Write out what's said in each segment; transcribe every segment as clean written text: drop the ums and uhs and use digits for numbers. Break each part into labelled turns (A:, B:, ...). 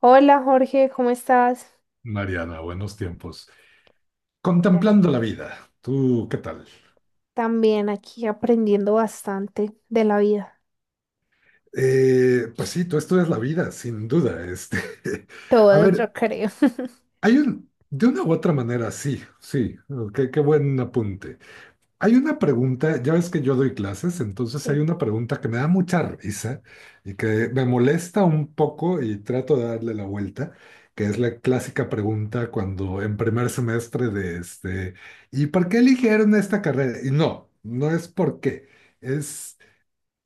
A: Hola Jorge, ¿cómo estás?
B: Mariana, buenos tiempos.
A: Ta-
B: Contemplando la vida, ¿tú qué tal?
A: También aquí aprendiendo bastante de la vida.
B: Pues sí, tú estudias la vida, sin duda. A
A: Todo
B: ver,
A: yo creo.
B: hay de una u otra manera, sí, sí, qué buen apunte. Hay una pregunta, ya ves que yo doy clases, entonces hay
A: Sí.
B: una pregunta que me da mucha risa y que me molesta un poco y trato de darle la vuelta, que es la clásica pregunta cuando en primer semestre de ¿y por qué eligieron esta carrera? Y no, no es por qué, es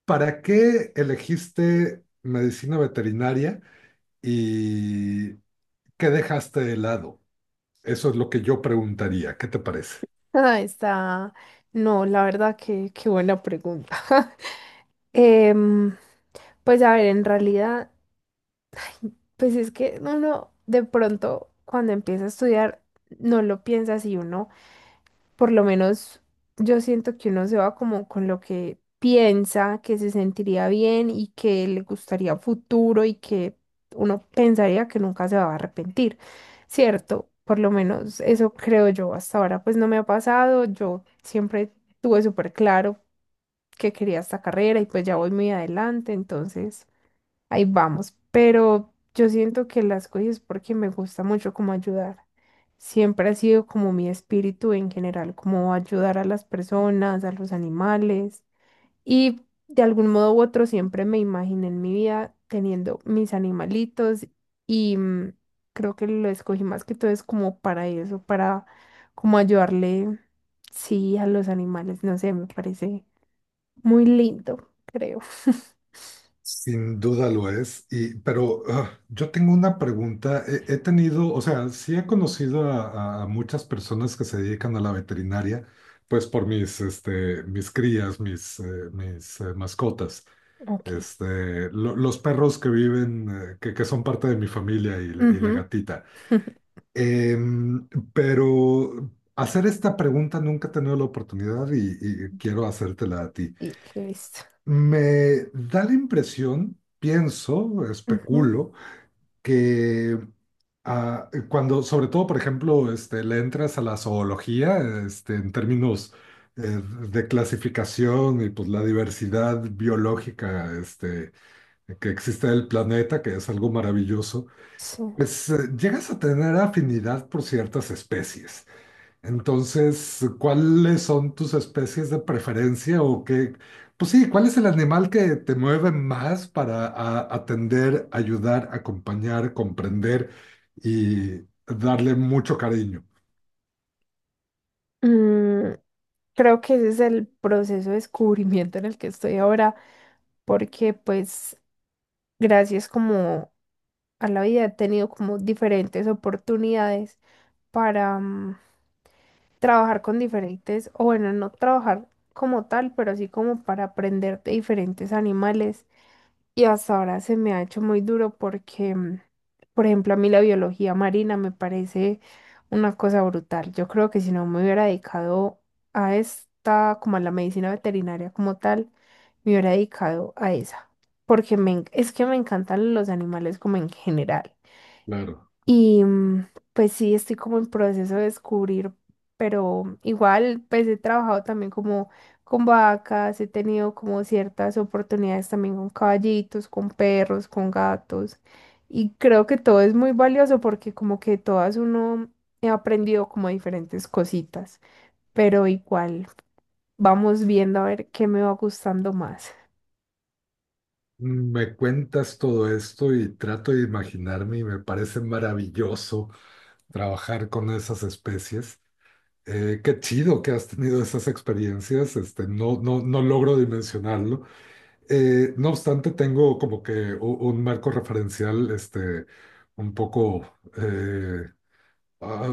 B: ¿para qué elegiste medicina veterinaria y qué dejaste de lado? Eso es lo que yo preguntaría, ¿qué te parece?
A: Ah, está. No, la verdad que qué buena pregunta. Em, pues a ver, en realidad, pues es que uno de pronto cuando empieza a estudiar no lo piensa así, uno. Por lo menos yo siento que uno se va como con lo que piensa, que se sentiría bien y que le gustaría a futuro y que uno pensaría que nunca se va a arrepentir, ¿cierto? Por lo menos eso creo yo. Hasta ahora pues no me ha pasado. Yo siempre tuve súper claro que quería esta carrera y pues ya voy muy adelante, entonces ahí vamos. Pero yo siento que las cosas es porque me gusta mucho como ayudar. Siempre ha sido como mi espíritu en general, como ayudar a las personas, a los animales. Y de algún modo u otro siempre me imaginé en mi vida teniendo mis animalitos y creo que lo escogí más que todo es como para eso, para como ayudarle, sí, a los animales. No sé, me parece muy lindo, creo.
B: Sin duda lo es, pero yo tengo una pregunta. He tenido, o sea, sí he conocido a muchas personas que se dedican a la veterinaria, pues por mis mis crías, mis mascotas,
A: Ok.
B: los perros que viven, que son parte de mi familia y la
A: Ujú.
B: gatita. Em, pero hacer esta pregunta nunca he tenido la oportunidad y quiero hacértela a ti.
A: Y listo.
B: Me da la impresión, pienso,
A: Ujú,
B: especulo, que cuando, sobre todo, por ejemplo, le entras a la zoología, en términos eh, de clasificación y pues la diversidad biológica que existe en el planeta, que es algo maravilloso,
A: sí.
B: pues llegas a tener afinidad por ciertas especies. Entonces, ¿cuáles son tus especies de preferencia o qué? Pues sí, ¿cuál es el animal que te mueve más para atender, ayudar, acompañar, comprender y darle mucho cariño?
A: Mm, creo que ese es el proceso de descubrimiento en el que estoy ahora, porque pues gracias como a la vida he tenido como diferentes oportunidades para trabajar con diferentes, o bueno, no trabajar como tal, pero sí como para aprender de diferentes animales. Y hasta ahora se me ha hecho muy duro porque, mm, por ejemplo, a mí la biología marina me parece una cosa brutal. Yo creo que si no me hubiera dedicado a esta, como a la medicina veterinaria como tal, me hubiera dedicado a esa. Porque me, es que me encantan los animales como en general.
B: Claro.
A: Y pues sí, estoy como en proceso de descubrir, pero igual pues he trabajado también como con vacas, he tenido como ciertas oportunidades también con caballitos, con perros, con gatos. Y creo que todo es muy valioso porque como que todas uno he aprendido como diferentes cositas, pero igual vamos viendo a ver qué me va gustando más.
B: Me cuentas todo esto y trato de imaginarme y me parece maravilloso trabajar con esas especies. Qué chido que has tenido esas experiencias, no, no, no logro dimensionarlo. No obstante, tengo como que un marco referencial, un poco eh, ah,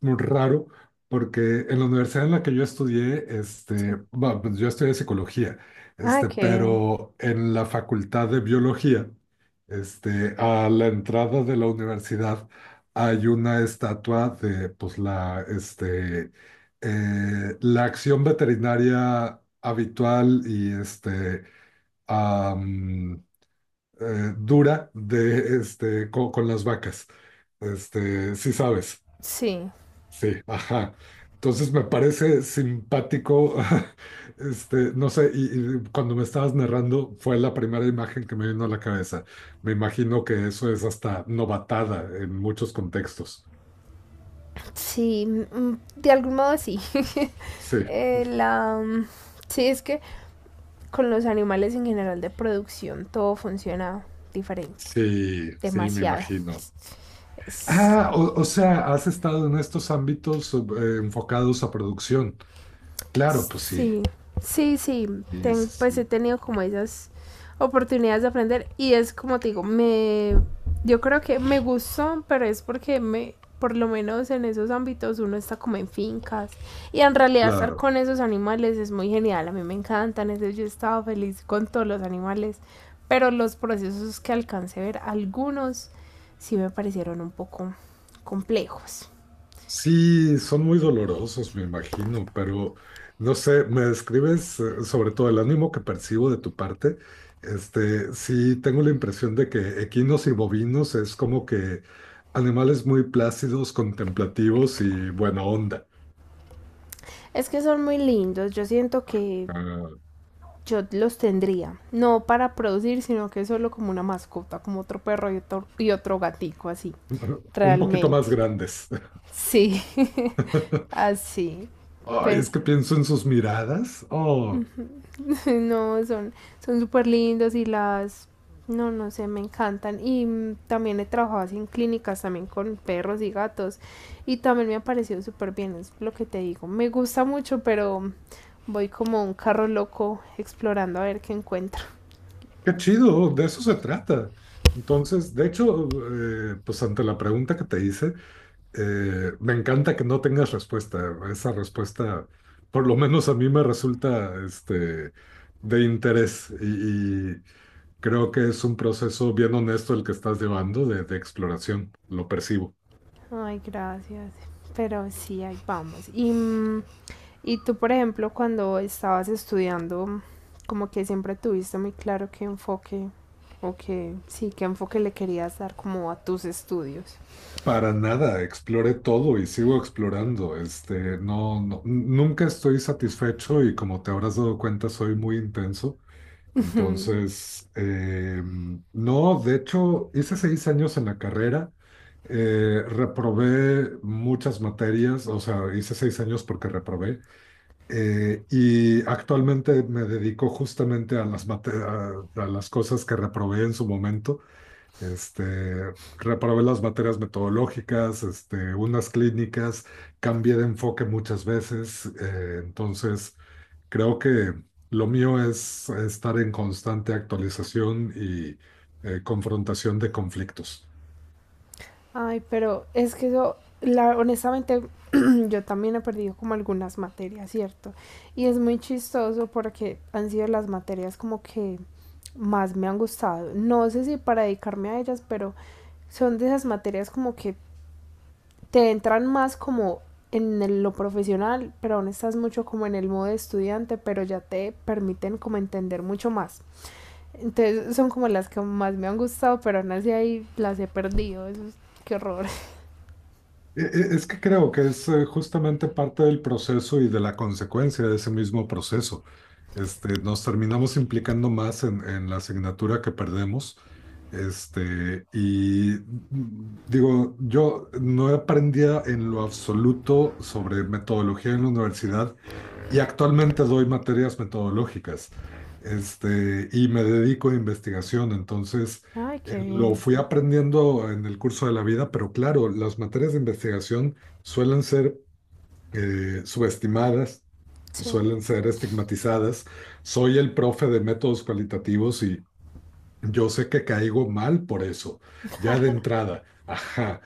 B: muy raro, porque en la universidad en la que yo estudié,
A: Sí.
B: bueno, pues yo estudié psicología,
A: Ah, qué bien.
B: pero en la facultad de biología, a la entrada de la universidad hay una estatua de, pues, la acción veterinaria habitual y am, dura con las vacas. Sí sabes,
A: Sí.
B: sí, ajá. Entonces me parece simpático, no sé, y cuando me estabas narrando fue la primera imagen que me vino a la cabeza. Me imagino que eso es hasta novatada en muchos contextos.
A: Sí, mm, de algún modo sí.
B: Sí,
A: La, mm, sí, es que con los animales en general de producción todo funciona diferente,
B: sí, sí, me
A: demasiado.
B: imagino. Ah, o sea, has estado en estos ámbitos enfocados a producción. Claro, pues sí.
A: Sí, sí, sí.
B: Sí, sí,
A: Pues he
B: sí,
A: tenido como esas oportunidades de aprender y es como te digo, me, yo creo que me gustó, pero es porque me, por lo menos en esos ámbitos uno está como en fincas y en realidad estar
B: claro.
A: con esos animales es muy genial, a mí me encantan, entonces yo estaba feliz con todos los animales, pero los procesos que alcancé a ver, algunos sí me parecieron un poco complejos.
B: Sí, son muy dolorosos, me imagino, pero no sé, me describes sobre todo el ánimo que percibo de tu parte. Sí, tengo la impresión de que equinos y bovinos es como que animales muy plácidos, contemplativos y buena onda.
A: Es que son muy lindos, yo siento que
B: Ah,
A: yo los tendría, no para producir, sino que solo como una mascota, como otro perro y otro gatico, así,
B: un poquito
A: realmente.
B: más grandes.
A: Sí, así.
B: Ay,
A: Pero
B: es que pienso en sus miradas. Oh,
A: no, son son súper lindos y las, no, no sé, me encantan. Y también he trabajado así en clínicas, también con perros y gatos. Y también me ha parecido súper bien, es lo que te digo. Me gusta mucho, pero voy como un carro loco explorando a ver qué encuentro.
B: qué chido, de eso se trata. Entonces, de hecho, pues ante la pregunta que te hice, me encanta que no tengas respuesta. Esa respuesta, por lo menos a mí me resulta de interés y creo que es un proceso bien honesto el que estás llevando de exploración. Lo percibo.
A: Ay, gracias. Pero sí, ahí vamos. Y, mm, y tú, por ejemplo, cuando estabas estudiando, como que siempre tuviste muy claro qué enfoque, o que sí, qué enfoque le querías dar como a tus estudios.
B: Para nada, exploré todo y sigo explorando. No, no, nunca estoy satisfecho y como te habrás dado cuenta, soy muy intenso. Entonces, no, de hecho, hice 6 años en la carrera, reprobé muchas materias, o sea, hice 6 años porque reprobé, y actualmente me dedico justamente a a las cosas que reprobé en su momento. Reprobé las materias metodológicas, unas clínicas, cambié de enfoque muchas veces, entonces... Creo que lo mío es estar en constante actualización y confrontación de conflictos.
A: Ay, pero es que eso, la, honestamente, yo también he perdido como algunas materias, ¿cierto? Y es muy chistoso porque han sido las materias como que más me han gustado. No sé si para dedicarme a ellas, pero son de esas materias como que te entran más como en lo profesional, pero aún estás mucho como en el modo de estudiante, pero ya te permiten como entender mucho más. Entonces son como las que más me han gustado, pero aún así ahí las he perdido. ¡Qué horror!
B: Es que creo que es justamente parte del proceso y de la consecuencia de ese mismo proceso. Nos terminamos implicando más en la asignatura que perdemos. Este, y digo, yo no aprendía en lo absoluto sobre metodología en la universidad. Y actualmente doy materias metodológicas, y me dedico a investigación. Entonces,
A: Ay, qué
B: lo
A: bien.
B: fui aprendiendo en el curso de la vida, pero claro, las materias de investigación suelen ser subestimadas,
A: Sí,
B: suelen ser estigmatizadas. Soy el profe de métodos cualitativos y yo sé que caigo mal por eso, ya de entrada. Ajá,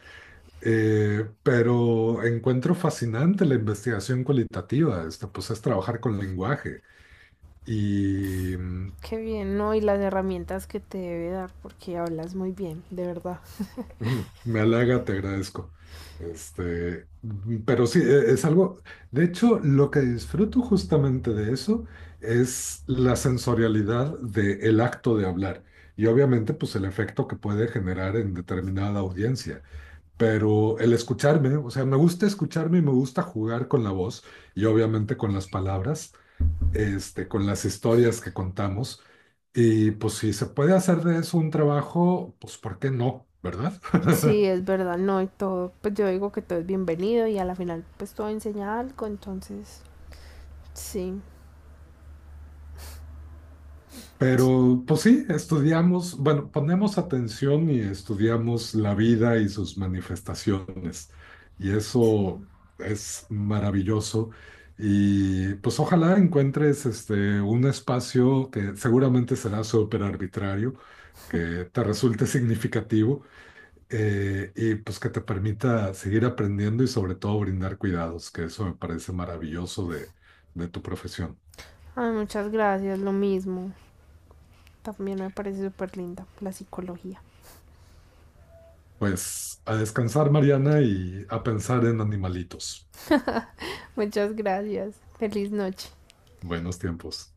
B: Pero encuentro fascinante la investigación cualitativa, pues es trabajar con lenguaje y
A: qué bien, ¿no? Y las herramientas que te debe dar, porque hablas muy bien, de verdad.
B: mm, me halaga, te agradezco. Pero sí, es algo, de hecho, lo que disfruto justamente de eso es la sensorialidad del acto de hablar y obviamente pues el efecto que puede generar en determinada audiencia. Pero el escucharme, o sea, me gusta escucharme y me gusta jugar con la voz y obviamente con las palabras, con las historias que contamos. Y pues si se puede hacer de eso un trabajo, pues ¿por qué no? ¿Verdad?
A: Sí, es verdad, no, y todo, pues yo digo que todo es bienvenido y a la final pues todo enseña algo, entonces, sí,
B: Pero pues sí, estudiamos, bueno, ponemos atención y estudiamos la vida y sus manifestaciones. Y
A: sí.
B: eso es maravilloso. Y pues ojalá encuentres un espacio que seguramente será súper arbitrario, que te resulte significativo, y pues que te permita seguir aprendiendo y sobre todo brindar cuidados, que eso me parece maravilloso de tu profesión.
A: Ay, muchas gracias, lo mismo. También me parece súper linda la psicología.
B: Pues a descansar, Mariana, y a pensar en animalitos.
A: Muchas gracias. Feliz noche.
B: Buenos tiempos.